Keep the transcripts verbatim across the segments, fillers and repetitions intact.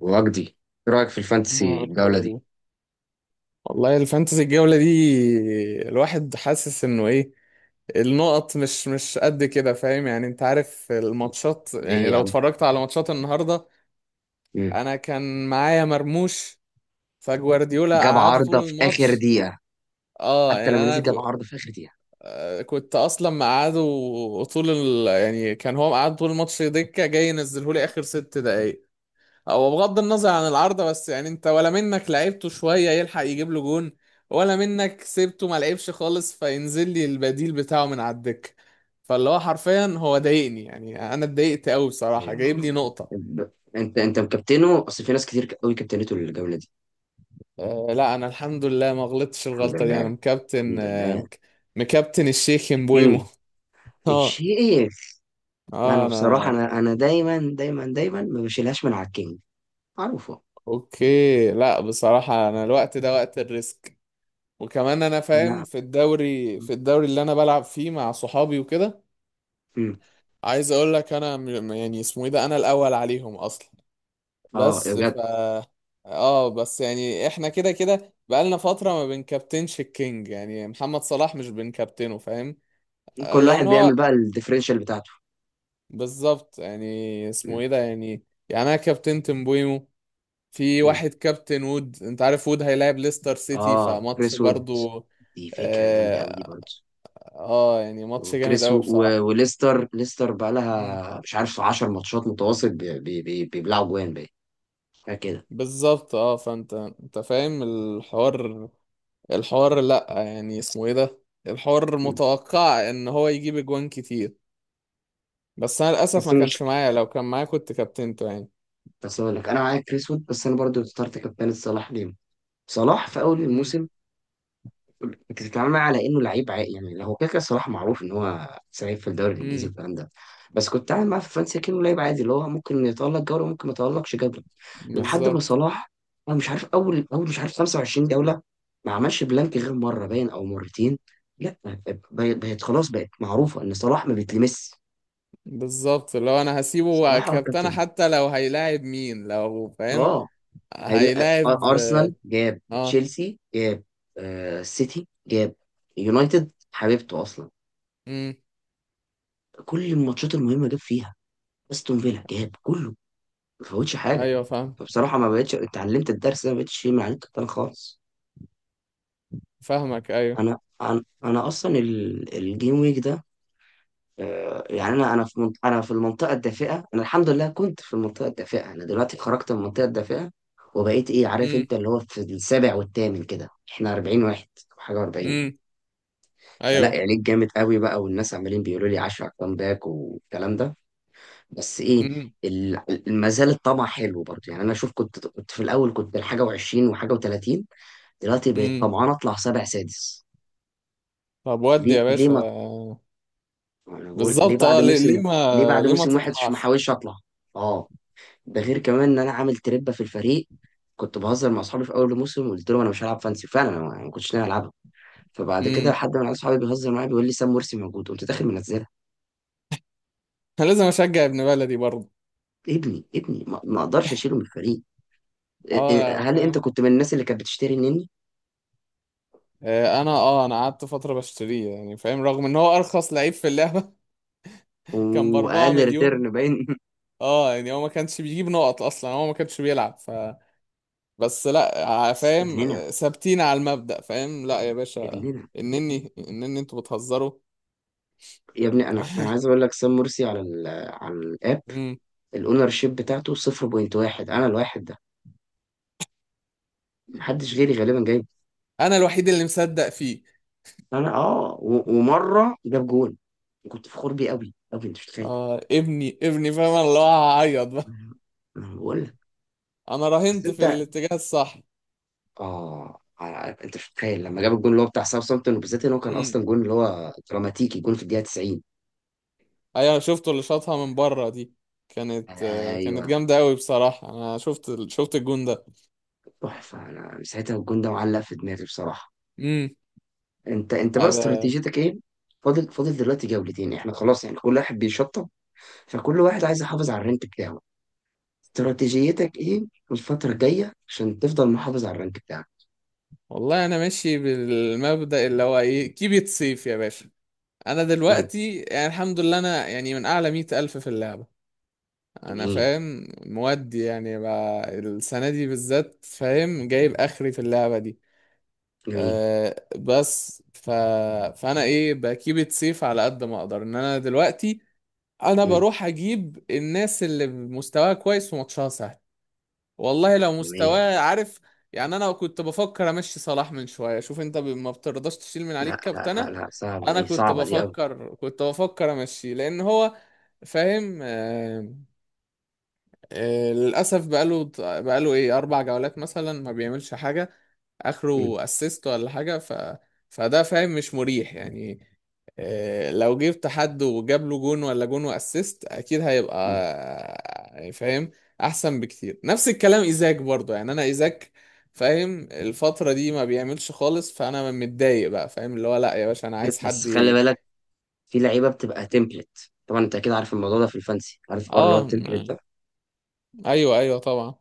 وجدي، ايه رايك في ما الفانتسي أقدر الجوله أقول دي؟ لك. والله الفانتسي الجولة دي، الواحد حاسس انه ايه، النقط مش مش قد كده، فاهم يعني، انت عارف الماتشات، ليه يعني يا لو عم؟ اتفرجت على ماتشات النهاردة. مم. انا كان معايا مرموش، فجوارديولا جاب قعده طول عارضه في اخر الماتش. دقيقه. اه حتى يعني لما انا نزل جاب كو- عارضه في اخر دقيقه. آه، كنت اصلا مقعده طول ال... يعني كان هو مقعد طول الماتش دكة، جاي ينزله لي اخر ست دقايق. هو بغض النظر عن العارضة، بس يعني انت ولا منك لعبته شوية يلحق يجيب له جون، ولا منك سيبته ما لعبش خالص فينزل لي البديل بتاعه من على الدكة. فاللي هو حرفيا هو ضايقني، يعني انا اتضايقت قوي بصراحة، جايب يعني لي نقطة. ب- انت انت مكابتنه؟ اصل في ناس كتير قوي كابتنته الجوله دي. أه لا، انا الحمد لله ما غلطتش الحمد الغلطة دي، انا لله. مكابتن الحمد آه، لله. مك- مكابتن الشيخ مبويمو الكينج. اه الشيخ. انا اه بصراحه، انا انا انا دايما دايما دايما ما بشيلهاش من على الكينج. معروفه. اوكي، لا، بصراحة انا الوقت ده وقت الريسك. وكمان انا فاهم، انا. في الدوري في الدوري اللي انا بلعب فيه مع صحابي وكده. مم. عايز اقول لك، انا م- يعني اسمه ايه ده، انا الاول عليهم اصلا. اه، يا بس ف بجد. اه بس يعني احنا كده كده بقالنا فتره ما بنكابتنش الكينج، يعني محمد صلاح مش بنكابتنه، فاهم. كل واحد لان هو بيعمل بقى الديفرنشال بتاعته. بالظبط يعني، مم. اسمه ايه ده يعني يعني انا كابتنت مبويمو. في مم. واحد كابتن وود، انت عارف وود هيلاعب ليستر سيتي اه، فماتش كريس وود. برضو. دي فكره جامده قوي دي اه، برضه. آه يعني ماتش جامد وكريس قوي و... و... بصراحه. وليستر، ليستر بقى مم. لها مش عارف عشر ماتشات متواصل بي... بي... بي... بيبلعوا جوان بقى. حاجة كده. بالظبط، اه فانت انت فاهم الحوار، الحوار لا يعني اسمه ايه ده، الحوار مم. متوقع ان هو يجيب اجوان كتير. بس انا للاسف بس ما كانش المشكلة. معايا، لو كان معايا كنت كابتنته يعني. بس اقول لك انا معاك كريس وود، بس انا برضو اخترت كابتن صلاح. ليه صلاح في اول امم الموسم؟ انت بتتعامل معاه على انه لعيب عا- يعني هو كده كده صلاح معروف ان هو سعيد في الدوري الانجليزي امم والكلام ده. بس كنت بتعامل معاه في فرنسا كانه لعيب عادي، اللي هو ممكن يتألق جوله، ممكن ما يتألقش جوله. لحد ما بالظبط، صلاح، انا مش عارف، اول اول مش عارف خمسة وعشرين جوله، ما عملش بلانك غير مره باين او مرتين. لا، بقت بقت خلاص بقت معروفه ان صلاح ما بيتلمس. بالظبط لو انا هسيبه صلاح هو كابتنه الكابتن. حتى لو هيلاعب مين، لو فاهم. اه. هيلا- هيلاعب. أر- ارسنال جاب، اه، تشيلسي جاب، آه، سيتي جاب، يونايتد حبيبته اصلا، امم كل الماتشات المهمه جاب فيها، استون فيلا جاب، كله، ما فوتش حاجه. ايوه فاهم. فبصراحه ما بقتش اتعلمت الدرس ده، ما بقتش شيء مع الكابتن خالص. فاهمك ايوه. انا انا انا اصلا ال- الجيم ويك ده، آه، يعني انا انا في منط- انا في المنطقه الدافئه، انا الحمد لله كنت في المنطقه الدافئه، انا دلوقتي خرجت من المنطقه الدافئه، وبقيت ايه عارف امم انت، اللي هو في السابع والثامن كده، احنا اربعين واحد أو حاجه اربعين. امم فلا ايوه. يعني جامد قوي بقى، والناس عمالين بيقولوا لي عشر كام باك والكلام ده. بس ايه، امم ال- ما زال الطمع حلو برضه. يعني انا شوف، كنت كنت في الاول كنت حاجه و20 وحاجه و30، دلوقتي بقيت امم طمعان اطلع سابع سادس. طب ودي ليه يا ليه باشا. ما انا بقول ليه بالظبط، بعد اه ليه موسم؟ ليه ليه ما بعد ليه ما موسم واحد مش تطمعش. محاولش اطلع؟ اه. ده غير كمان ان انا عامل تربه في الفريق. كنت بهزر مع اصحابي في اول الموسم وقلت لهم انا مش هلعب فانسي، فعلا انا ما ما كنتش ناوي العبها. فبعد كده امم حد من عيال اصحابي بيهزر معايا بيقول لي سام مرسي موجود، قمت داخل منزلها. انا لازم اشجع ابن بلدي برضه. ابني ابني، ما ما اقدرش اشيله من الفريق. إيه- إيه، اه هل انت فاهم. كنت من الناس اللي كانت بتشتري النني؟ آه، انا اه انا قعدت فترة بشتريه يعني فاهم، رغم ان هو ارخص لعيب في اللعبة كان باربعة واقل ريتيرن مليون باين. اه يعني هو ما كانش بيجيب نقط اصلا، هو ما كانش بيلعب ف بس لا، ع- بس فاهم، ابننا. آه، ثابتين على المبدأ، فاهم، لا يا باشا. ابننا. انني انني انتوا بتهزروا يا ابني، انا انا عايز اقول لك، سام مرسي على ال على الاب، مم. الاونر شيب بتاعته صفر فاصلة واحد. انا الواحد ده محدش غيري غالبا جايب. انا الوحيد اللي مصدق فيه. انا اه و- ومره جاب جون، كنت فخور بيه قوي قوي، انت مش متخيل. اه، ابني ابني، فاهم، أنا اللي هو هعيط بقى. انا بقول لك. انا بس راهنت في انت الاتجاه الصح. اه على- انت مش متخيل لما جاب الجون اللي هو بتاع ساوثامبتون، وبالذات ان هو كان اصلا جون اللي هو دراماتيكي، جون في الدقيقه تسعين. ايوه شفته اللي شاطها من بره دي، كانت آه، كانت ايوه. جامده قوي بصراحه. انا شفت ال- شفت الجون ده. تحفه. انا ساعتها الجون ده معلق في دماغي بصراحه. امم انت انت بقى انا استراتيجيتك ايه؟ فاضل فاضل دلوقتي جولتين، احنا خلاص يعني كل واحد بيشطب، فكل واحد عايز يحافظ على الرانك بتاعه. استراتيجيتك ايه الفترة الجاية عشان تفضل محافظ على الرانك بتاعك؟ والله انا ماشي بالمبدأ اللي هو ايه، كيب ات سيف يا باشا. انا امم. دلوقتي يعني الحمد لله انا يعني من اعلى مئة الف في اللعبه. انا جميل. فاهم مودي، يعني بقى السنه دي بالذات فاهم، جايب اخري في اللعبه دي. جميل. أه بس ف... فانا ايه بكيب ات سيف على قد ما اقدر، ان انا دلوقتي انا امم. بروح اجيب الناس اللي مستواها كويس وماتشها سهل. والله لو جميل. مستواه عارف يعني. انا كنت بفكر امشي صلاح من شويه، شوف انت ب- ما بترضاش تشيل من لا عليك لا لا كابتنه. لا، صعبة انا دي، كنت صعبة دي قوي. بفكر كنت بفكر امشي لان هو فاهم، آه آه للاسف بقاله بقاله ايه اربع جولات مثلا ما بيعملش حاجه، امم. اخره اسيست ولا حاجه ف فده فاهم مش مريح يعني. آه، لو جبت حد وجاب له جون ولا جون واسيست، اكيد هيبقى امم. آه، يعني فاهم احسن بكتير. نفس الكلام ايزاك برضه، يعني انا ايزاك فاهم الفترة دي ما بيعملش خالص، فانا متضايق بقى فاهم، اللي هو لا يا باشا، انا عايز بس حد خلي ي- بالك، في لعيبة بتبقى تمبلت، طبعا انت اكيد عارف الموضوع ده في الفانسي، عارف الحوار اللي هو اه، التمبلت م- ده. ايوه ايوه طبعا.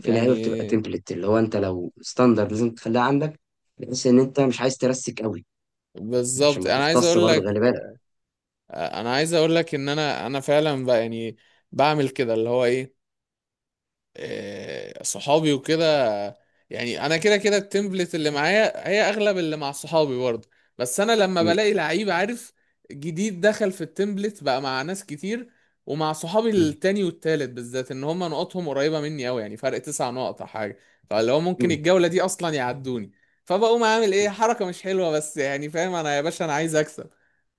في لعيبه بتبقى تمبلت، اللي هو انت لو ستاندرد لازم تخليها عندك، بحيث ان انت مش عايز ترسك قوي عشان بالظبط، ما انا عايز تختص اقول برضه. لك خلي بالك. انا عايز اقول لك، ان انا انا فعلا بقى، يعني بعمل كده اللي هو ايه. آه، صحابي وكده، يعني انا كده كده التمبلت اللي معايا هي اغلب اللي مع صحابي برضه. بس انا لما مم. بلاقي لعيب عارف، جديد دخل في التمبلت بقى مع ناس كتير، ومع صحابي مم. التاني والتالت بالذات، ان هم نقطهم قريبة مني قوي، يعني فرق تسع نقط او حاجة. فاللي هو ممكن مم. الجولة دي اصلا يعدوني. فبقوم عامل ايه حركة مش حلوة، بس يعني فاهم انا يا باشا انا عايز اكسب.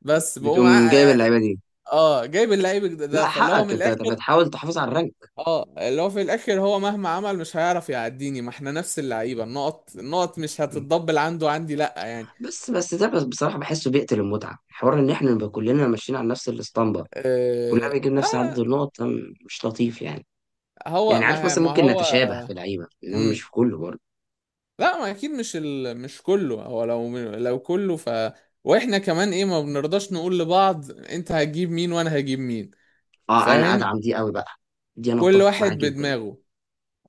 بس بقوم بتقوم جايب ع- اللعيبه دي. اه جايب اللعيب ده، لا فاللي هو من حقك، انت أنت الاخر. بتحاول تحافظ على الرانك. اه اللي هو في الاخر هو مهما عمل مش هيعرف يعديني، ما احنا نفس اللعيبه، النقط النقط مش مم. هتتضبل عنده عندي، لا يعني. بس بس ده، بس بصراحه بحسه بيقتل المتعه، حوار ان احنا نبقى كلنا ماشيين على نفس الاسطمبه، كلنا آه بيجيب نفس عدد آه، النقط. أم، مش لطيف يعني. هو يعني عارف ما مثلا ما ممكن هو. نتشابه في لعيبه انما مش امم في كله برضه. لا ما اكيد، مش ال... مش كله، هو لو لو كله ف واحنا كمان ايه ما بنرضاش نقول لبعض انت هتجيب مين وانا هجيب مين، اه، انا فاهم. ادعم دي قوي بقى، دي انا كل اتفق واحد معاها جدا. بدماغه.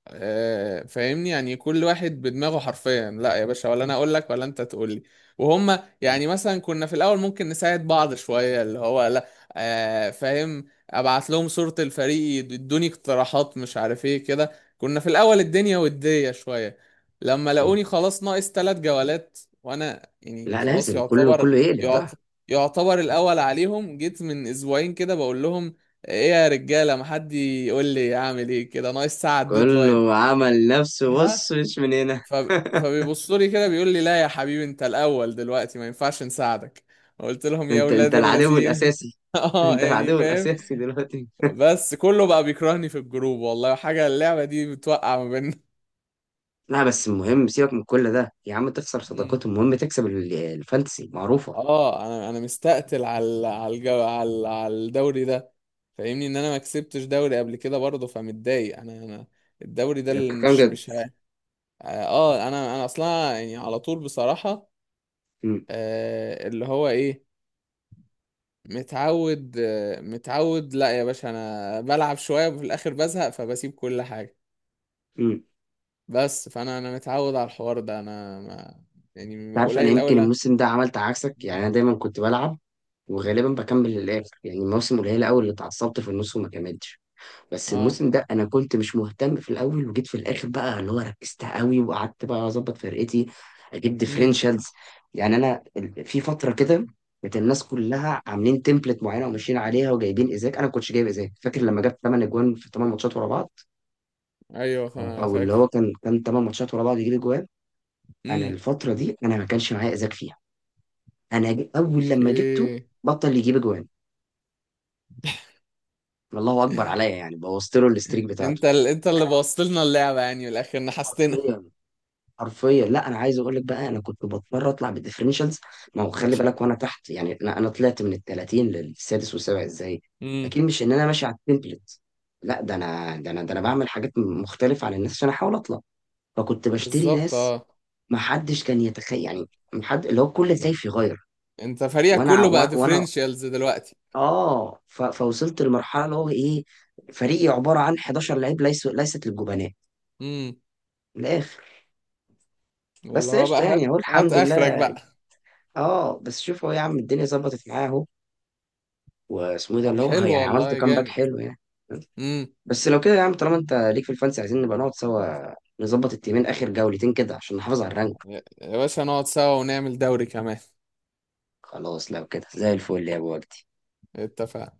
آه، فاهمني يعني كل واحد بدماغه حرفيا، لا يا باشا، ولا انا اقول لك ولا انت تقول لي. وهم مم. يعني مثلا كنا في الاول ممكن نساعد بعض شوية، اللي هو لا. آه، فاهم، ابعت لهم صورة الفريق يدوني اقتراحات، مش عارف ايه كده. كنا في الاول الدنيا ودية شوية، لما مم. لقوني خلاص ناقص ثلاث جولات، وانا يعني لا، خلاص لازم كله يعتبر، كله يقلب بقى. يعت- يعتبر الاول عليهم، جيت من اسبوعين كده بقول لهم ايه يا رجاله، ما حد يقول لي اعمل ايه كده ناقص ساعه الديدلاين. كله عمل نفسه ها. بص مش من هنا. ف... فبيبصوا لي كده بيقول لي لا يا حبيبي، انت الاول دلوقتي، ما ينفعش نساعدك. قلت لهم يا انت ولاد انت العدو الذين الاساسي. اه انت يعني العدو فاهم. الاساسي دلوقتي. بس كله بقى بيكرهني في الجروب، والله حاجة اللعبة دي بتوقع ما بيننا. لا بس المهم سيبك من كل ده يا عم، تخسر مم. صداقات، المهم تكسب ال- الفانتسي، معروفه. اه انا انا مستقتل على ال- على الجو... على ال- على الدوري ده. فاهمني ان انا ما كسبتش دوري قبل كده برضه، فمتضايق انا انا. الدوري ده يعني اللي بتتكلم مش جد؟ مش ه- اه انا انا اصلا يعني على طول بصراحة. امم. آه اللي هو ايه، متعود. متعود، لا يا باشا، انا بلعب شويه وفي الاخر بزهق فبسيب كل حاجه. امم. انت بس فانا انا متعود على الحوار ده، انا ما يعني عارف، انا قليل قوي يمكن لا. الموسم ده عملت عكسك، يعني مم. انا دايما كنت بلعب وغالبا بكمل للاخر، يعني موسم قليل قوي اللي اتعصبت في النص وما كملتش. بس اه. الموسم ده انا كنت مش مهتم في الاول وجيت في الاخر بقى اللي هو ركزت قوي وقعدت بقى اظبط فرقتي، اجيب امم ديفرنشالز. يعني انا ال- في فتره كده، كانت الناس كلها عاملين تمبلت معينه وماشيين عليها وجايبين ايزاك، انا ما كنتش جايب ايزاك، فاكر لما جاب ثمان اجوان في ثمان ماتشات ورا بعض؟ ايوه او فا- أو اللي فاكر. هو كان كان ثمان ماتشات ورا بعض يجيب اجوان. انا امم الفتره دي انا ما كانش معايا ايزاك فيها. انا ج- اول لما جبته اوكي. بطل يجيب اجوان. الله اكبر عليا، يعني بوظت له الستريك بتاعته. انت ال... انت اللي انا. بوظت لنا اللعبه، يعني من الاخر نحستنا. حرفيا. حرفيا، لا انا عايز اقول لك بقى، انا كنت بضطر اطلع بالديفرنشالز. ما هو خلي بالك وانا تحت، يعني انا انا طلعت من ال ثلاثين للسادس والسابع ازاي؟ امم اكيد مش ان انا ماشي على التمبلت. لا، ده انا ده انا ده انا بعمل حاجات مختلفه عن الناس عشان احاول اطلع، فكنت بشتري بالظبط ناس اه ما حدش كان يتخيل يعني، محد اللي هو كل خايف يغير. انت فريقك وانا ع- كله بقى وأ- وانا ديفرنشيالز دلوقتي. اه ف... فوصلت لمرحله اللي هو ايه، فريقي عباره عن حداشر لعيب ليس... ليست للجبناء، امم من الاخر. اللي بس هو بقى، قشطه هات يعني، اهو هات الحمد اخرك لله. بقى. اه بس شوف هو يا عم، الدنيا ظبطت معاه اهو، واسمه إيه ده طب اللي هو، حلو يعني عملت والله كامباك جامد. حلو يعني. بس لو كده يا عم، طالما انت ليك في الفانسي، عايزين نبقى نقعد سوا، نظبط التيمين اخر جولتين كده عشان نحافظ على الرانك. يا يا باشا نقعد سوا ونعمل دوري كمان. خلاص لو كده زي الفل يا ابو وجدي. اتفقنا.